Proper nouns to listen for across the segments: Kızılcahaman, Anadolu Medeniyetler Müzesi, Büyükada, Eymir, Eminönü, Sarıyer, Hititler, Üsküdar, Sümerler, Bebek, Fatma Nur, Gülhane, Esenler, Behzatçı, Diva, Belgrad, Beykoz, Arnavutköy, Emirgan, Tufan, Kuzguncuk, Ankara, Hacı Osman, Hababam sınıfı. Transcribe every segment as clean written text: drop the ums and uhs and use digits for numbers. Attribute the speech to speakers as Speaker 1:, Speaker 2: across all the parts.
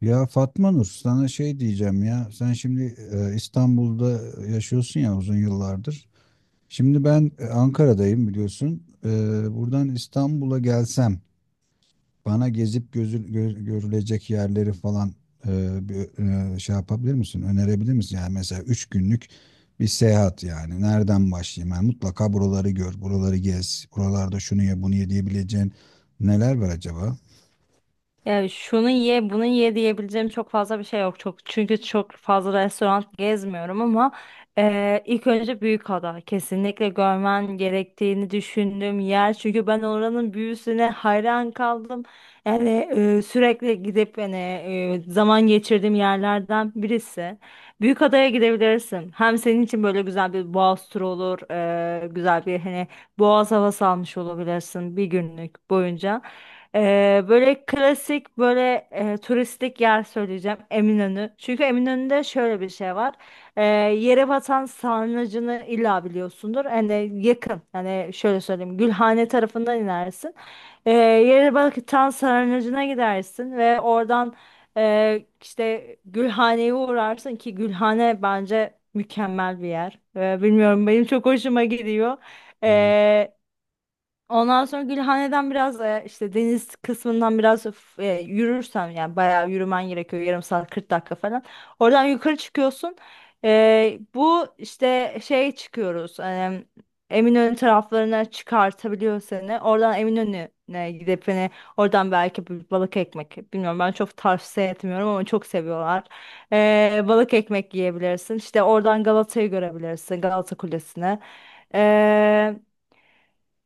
Speaker 1: Ya Fatma Nur, sana şey diyeceğim ya. Sen şimdi İstanbul'da yaşıyorsun ya uzun yıllardır. Şimdi ben Ankara'dayım biliyorsun. Buradan İstanbul'a gelsem bana gezip görülecek yerleri falan bir şey yapabilir misin? Önerebilir misin? Yani mesela 3 günlük bir seyahat yani. Nereden başlayayım? Yani mutlaka buraları gör, buraları gez, buralarda şunu ye, bunu ye diyebileceğin neler var acaba?
Speaker 2: Ya şunu ye, bunu ye diyebileceğim çok fazla bir şey yok. Çünkü çok fazla restoran gezmiyorum ama ilk önce Büyükada kesinlikle görmen gerektiğini düşündüğüm yer. Çünkü ben oranın büyüsüne hayran kaldım. Yani sürekli gidip hani zaman geçirdiğim yerlerden birisi. Büyükada'ya gidebilirsin. Hem senin için böyle güzel bir boğaz turu olur, güzel bir hani boğaz havası almış olabilirsin bir günlük boyunca. Böyle klasik böyle turistik yer söyleyeceğim Eminönü. Çünkü Eminönü'nde şöyle bir şey var. Yere batan sarnıcını illa biliyorsundur. Hani yakın. Hani şöyle söyleyeyim. Gülhane tarafından inersin. Yere batan sarnıcına gidersin ve oradan işte Gülhane'ye uğrarsın ki Gülhane bence mükemmel bir yer. Bilmiyorum benim çok hoşuma gidiyor.
Speaker 1: Ha.
Speaker 2: Ondan sonra Gülhane'den biraz işte deniz kısmından biraz yürürsen yani bayağı yürümen gerekiyor yarım saat 40 dakika falan. Oradan yukarı çıkıyorsun. Bu işte şey çıkıyoruz. Eminönü taraflarına çıkartabiliyor seni. Oradan Eminönü'ne gidip hani oradan belki bir balık ekmek. Bilmiyorum ben çok tavsiye etmiyorum ama çok seviyorlar. Balık ekmek yiyebilirsin. İşte oradan Galata'yı görebilirsin. Galata Kulesi'ne.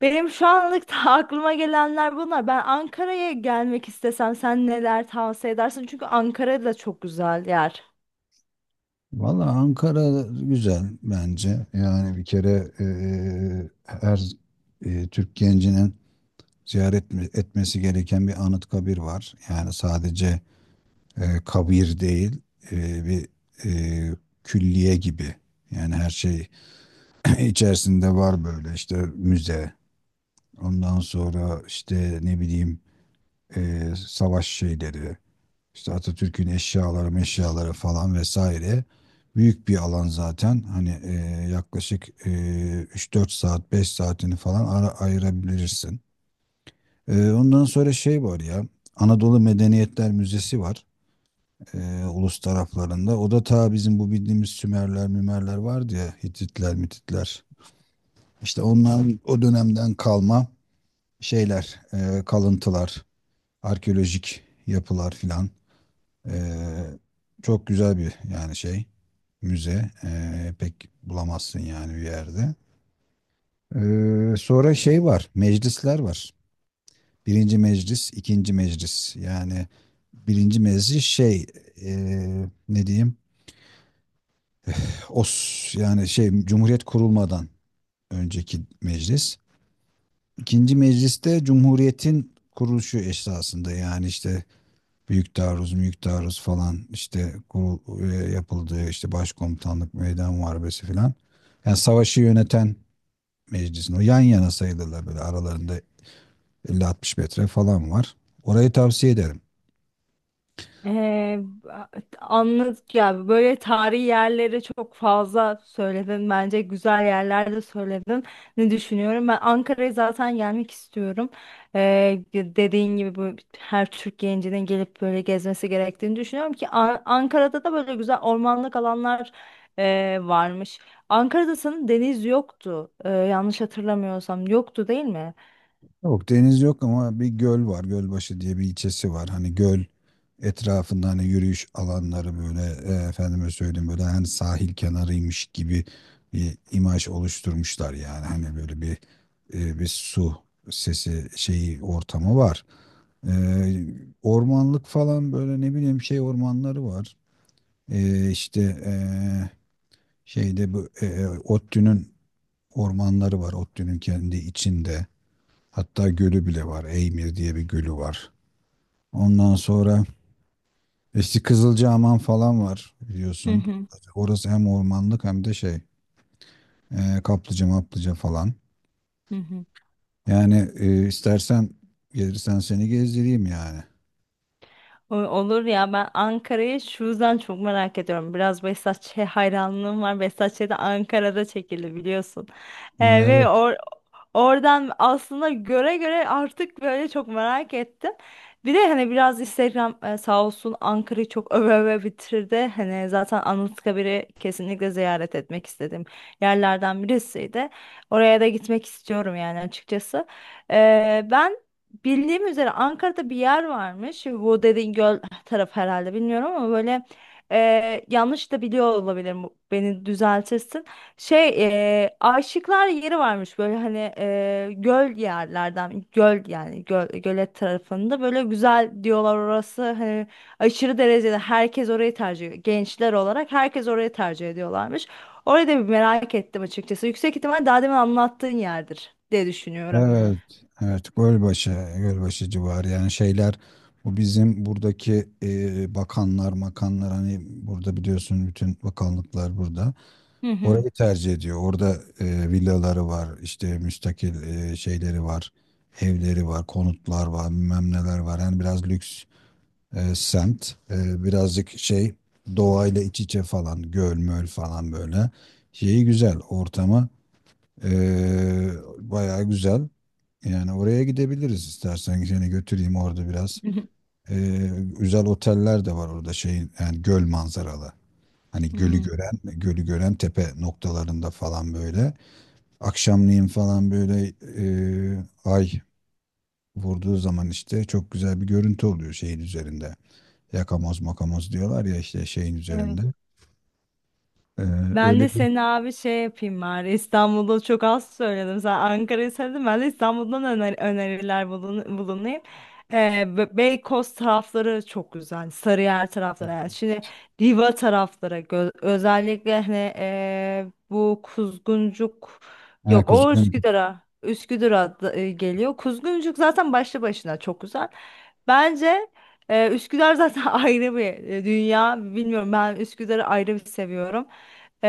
Speaker 2: Benim şu anlık da aklıma gelenler bunlar. Ben Ankara'ya gelmek istesem sen neler tavsiye edersin? Çünkü Ankara da çok güzel yer.
Speaker 1: Valla Ankara güzel bence. Yani bir kere her Türk gencinin ziyaret etmesi gereken bir anıt kabir var. Yani sadece kabir değil, bir eee, külliye gibi. Yani her şey içerisinde var, böyle işte müze. Ondan sonra işte ne bileyim savaş şeyleri. İşte Atatürk'ün eşyaları, meşyaları falan vesaire. Büyük bir alan zaten. Hani yaklaşık 3-4 saat, 5 saatini falan ara ayırabilirsin. Ondan sonra şey var ya. Anadolu Medeniyetler Müzesi var. Ulus taraflarında. O da ta bizim bu bildiğimiz Sümerler, Mümerler vardı ya. Hititler, Mititler. İşte onların o dönemden kalma şeyler, kalıntılar, arkeolojik yapılar filan. Ee, Çok güzel bir yani şey müze. Pek bulamazsın yani bir yerde. Sonra şey var, meclisler var. Birinci meclis, ikinci meclis. Yani birinci meclis şey ne diyeyim? Yani şey Cumhuriyet kurulmadan önceki meclis. İkinci mecliste Cumhuriyet'in kuruluşu esasında, yani işte Büyük taarruz, büyük taarruz falan, işte yapıldığı işte başkomutanlık, meydan muharebesi falan. Yani savaşı yöneten meclisin, o yan yana sayılırlar, böyle aralarında 50-60 metre falan var. Orayı tavsiye ederim.
Speaker 2: Ee, a- Anladık ya böyle tarihi yerleri çok fazla söyledin, bence güzel yerler de söyledin. Ne düşünüyorum, ben Ankara'ya zaten gelmek istiyorum. Dediğin gibi bu her Türk gencinin gelip böyle gezmesi gerektiğini düşünüyorum ki Ankara'da da böyle güzel ormanlık alanlar varmış. Ankara'da sanırım deniz yoktu. Yanlış hatırlamıyorsam yoktu, değil mi?
Speaker 1: Yok, deniz yok ama bir göl var. Gölbaşı diye bir ilçesi var. Hani göl etrafında hani yürüyüş alanları böyle, efendime söyleyeyim, böyle hani sahil kenarıymış gibi bir imaj oluşturmuşlar yani. Hani böyle bir, bir su sesi şeyi, ortamı var. E, ormanlık falan, böyle ne bileyim şey ormanları var. E, işte e, şeyde bu ODTÜ'nün ormanları var. ODTÜ'nün kendi içinde. Hatta gölü bile var. Eymir diye bir gölü var. Ondan sonra işte Kızılcahaman falan var
Speaker 2: Hı
Speaker 1: biliyorsun.
Speaker 2: hı.
Speaker 1: Orası hem ormanlık hem de şey, kaplıca maplıca falan.
Speaker 2: Hı hı.
Speaker 1: Yani istersen, gelirsen seni gezdireyim yani.
Speaker 2: Olur ya, ben Ankara'yı şu yüzden çok merak ediyorum. Biraz Behzatçı'ya hayranlığım var. Behzatçı da Ankara'da çekildi biliyorsun.
Speaker 1: Ha,
Speaker 2: Ee, ve
Speaker 1: evet,
Speaker 2: or oradan aslında göre göre artık böyle çok merak ettim. Bir de hani biraz Instagram sağ olsun Ankara'yı çok öve öve bitirdi. Hani zaten Anıtkabir'i kesinlikle ziyaret etmek istediğim yerlerden birisiydi. Oraya da gitmek istiyorum yani açıkçası. Ben bildiğim üzere Ankara'da bir yer varmış. Bu dediğin göl tarafı herhalde, bilmiyorum, ama böyle yanlış da biliyor olabilirim. Beni düzeltirsin. Şey Aşıklar yeri varmış böyle hani e, göl yerlerden göl yani göl, gölet tarafında böyle güzel diyorlar, orası hani aşırı derecede herkes orayı tercih ediyor. Gençler olarak herkes orayı tercih ediyorlarmış. Orayı da bir merak ettim açıkçası. Yüksek ihtimal daha demin anlattığın yerdir diye düşünüyorum.
Speaker 1: evet, evet. Gölbaşı civarı yani, şeyler, bu bizim buradaki bakanlar, makanlar, hani burada biliyorsun bütün bakanlıklar burada.
Speaker 2: Hı hı.
Speaker 1: Orayı tercih ediyor. Orada villaları var, işte müstakil şeyleri var, evleri var, konutlar var, bilmem neler var. Yani biraz lüks semt. Birazcık şey, doğayla iç içe falan, göl möl falan böyle. Şeyi güzel, ortamı e, bayağı güzel. Yani oraya gidebiliriz, istersen seni götüreyim orada biraz.
Speaker 2: Hı
Speaker 1: E, güzel oteller de var orada şeyin, yani göl manzaralı. Hani
Speaker 2: hı.
Speaker 1: gölü gören tepe noktalarında falan böyle. Akşamleyin falan böyle ay vurduğu zaman işte çok güzel bir görüntü oluyor şeyin üzerinde. Yakamoz makamoz diyorlar ya, işte şeyin
Speaker 2: Evet.
Speaker 1: üzerinde. E,
Speaker 2: Ben de
Speaker 1: öyle bir
Speaker 2: seni abi şey yapayım bari, İstanbul'da çok az söyledim, sen Ankara'yı söyledin, ben de İstanbul'dan öneriler bulunayım. Beykoz tarafları çok güzel, Sarıyer tarafları. Yani şimdi Diva tarafları özellikle hani bu Kuzguncuk,
Speaker 1: Ha,
Speaker 2: yok o
Speaker 1: Kuzgun.
Speaker 2: Üsküdar'a, Üsküdar'a geliyor Kuzguncuk, zaten başlı başına çok güzel bence. Üsküdar zaten ayrı bir dünya. Bilmiyorum, ben Üsküdar'ı ayrı bir seviyorum. Ee,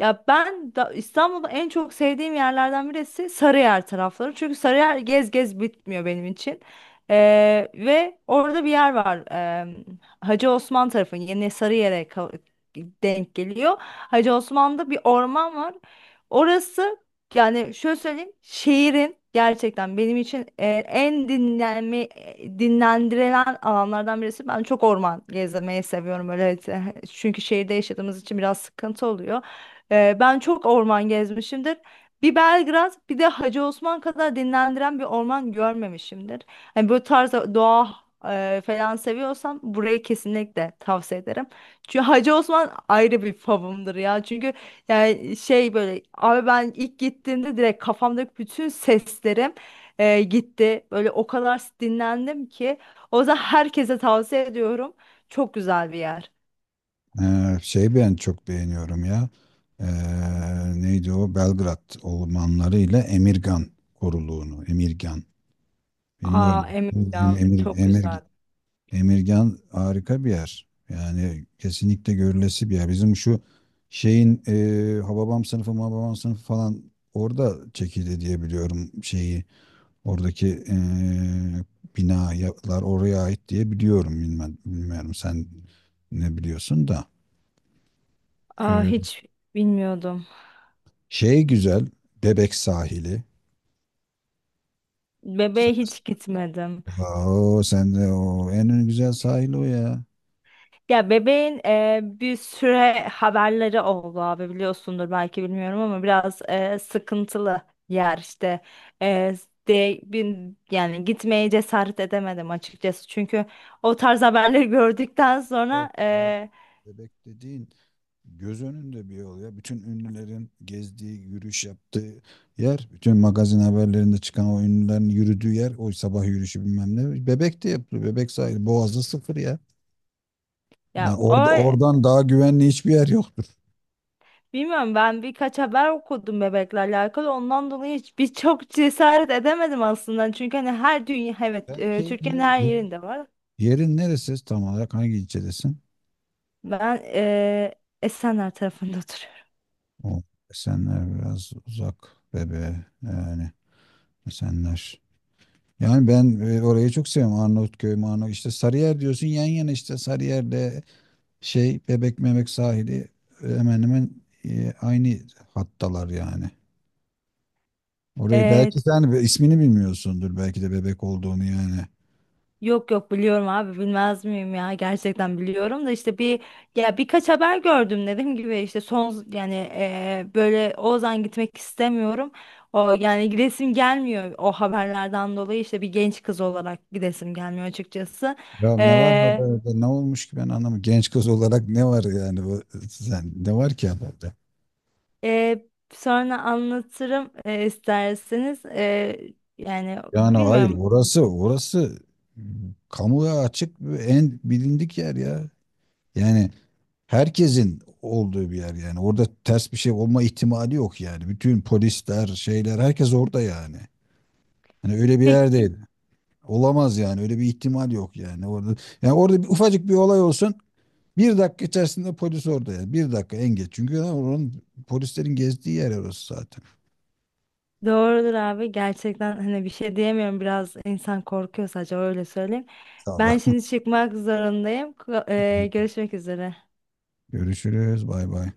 Speaker 2: ya ben da İstanbul'da en çok sevdiğim yerlerden birisi Sarıyer tarafları. Çünkü Sarıyer gez gez bitmiyor benim için. Ve orada bir yer var. Hacı Osman tarafı yine denk geliyor. Hacı Osman'da bir orman var. Orası, yani şöyle söyleyeyim, şiirin gerçekten benim için en dinlendirilen alanlardan birisi. Ben çok orman gezmeyi seviyorum öyle. Çünkü şehirde yaşadığımız için biraz sıkıntı oluyor. Ben çok orman gezmişimdir. Bir Belgrad, bir de Hacı Osman kadar dinlendiren bir orman görmemişimdir. Hani böyle tarz doğa falan seviyorsam, burayı kesinlikle tavsiye ederim. Çünkü Hacı Osman ayrı bir favımdır ya. Çünkü yani şey, böyle abi ben ilk gittiğimde direkt kafamdaki bütün seslerim gitti. Böyle o kadar dinlendim ki. O yüzden herkese tavsiye ediyorum. Çok güzel bir yer.
Speaker 1: Şey ben çok beğeniyorum ya. E, Neydi o? Belgrad ormanları ile Emirgan koruluğunu. Emirgan.
Speaker 2: Aa,
Speaker 1: Bilmiyorum. Em-
Speaker 2: Emirgan
Speaker 1: Emir,
Speaker 2: çok
Speaker 1: Emir,
Speaker 2: güzel.
Speaker 1: Emirgan harika bir yer. Yani kesinlikle görülesi bir yer. Bizim şu şeyin Hababam sınıfı falan orada çekildi diye biliyorum şeyi. Oradaki binalar oraya ait diye biliyorum. Bilmem, bilmiyorum sen ne biliyorsun da.
Speaker 2: Aa,
Speaker 1: E,
Speaker 2: hiç bilmiyordum.
Speaker 1: şey güzel, Bebek sahili. Sa-
Speaker 2: Bebeğe hiç gitmedim.
Speaker 1: O, sen de o en güzel sahil o ya.
Speaker 2: Ya bebeğin bir süre haberleri oldu abi, biliyorsundur belki, bilmiyorum, ama biraz sıkıntılı yer işte. E, Yani gitmeye cesaret edemedim açıkçası, çünkü o tarz haberleri gördükten
Speaker 1: Of
Speaker 2: sonra
Speaker 1: ya,
Speaker 2: e,
Speaker 1: Bebek dediğin göz önünde bir yol ya. Bütün ünlülerin gezdiği, yürüyüş yaptığı yer, bütün magazin haberlerinde çıkan o ünlülerin yürüdüğü yer, o sabah yürüyüşü bilmem ne, Bebek de yapılıyor. Bebek sahili. Boğaz'da sıfır ya. Yani
Speaker 2: ya o
Speaker 1: oradan daha güvenli hiçbir yer yoktur.
Speaker 2: bilmiyorum, ben birkaç haber okudum bebekle alakalı, ondan dolayı hiç cesaret edemedim aslında, çünkü hani her dünya, evet,
Speaker 1: Ya,
Speaker 2: Türkiye'nin her yerinde var.
Speaker 1: Yerin neresi, tam olarak hangi ilçedesin?
Speaker 2: Ben Esenler tarafında oturuyorum.
Speaker 1: O, Esenler biraz uzak yani, Esenler. Yani ben orayı çok seviyorum. Arnavutköy, Marnavut, işte Sarıyer diyorsun, yan yana, işte Sarıyer'le şey, Bebek Memek sahili, hemen hemen aynı hattalar yani. Orayı belki sen ismini bilmiyorsundur, belki de bebek olduğunu yani.
Speaker 2: Yok yok, biliyorum abi, bilmez miyim ya, gerçekten biliyorum da, işte bir, ya birkaç haber gördüm, dediğim gibi işte son yani böyle Ozan gitmek istemiyorum, o yani gidesim gelmiyor, o haberlerden dolayı işte bir genç kız olarak gidesim gelmiyor açıkçası.
Speaker 1: Ya ne var mı,
Speaker 2: E,
Speaker 1: böyle ne olmuş ki? Ben anlamı, genç kız olarak ne var yani? Sen ne var ki haberde?
Speaker 2: e, Sonra anlatırım isterseniz. Yani
Speaker 1: Yani hayır,
Speaker 2: bilmiyorum.
Speaker 1: orası m, kamuya açık ve en bilindik yer ya. Yani herkesin olduğu bir yer yani. Orada ters bir şey olma ihtimali yok yani. Bütün polisler, şeyler, herkes orada yani. Hani öyle bir yer değil. Olamaz yani. Öyle bir ihtimal yok yani. Orada, yani orada bir, ufacık bir olay olsun, 1 dakika içerisinde polis orada yani. 1 dakika en geç. Çünkü oranın, polislerin gezdiği yer orası zaten.
Speaker 2: Doğrudur abi, gerçekten hani bir şey diyemiyorum, biraz insan korkuyor, sadece öyle söyleyeyim.
Speaker 1: Sağ ol.
Speaker 2: Ben şimdi çıkmak zorundayım. Görüşmek üzere.
Speaker 1: Görüşürüz. Bay bay.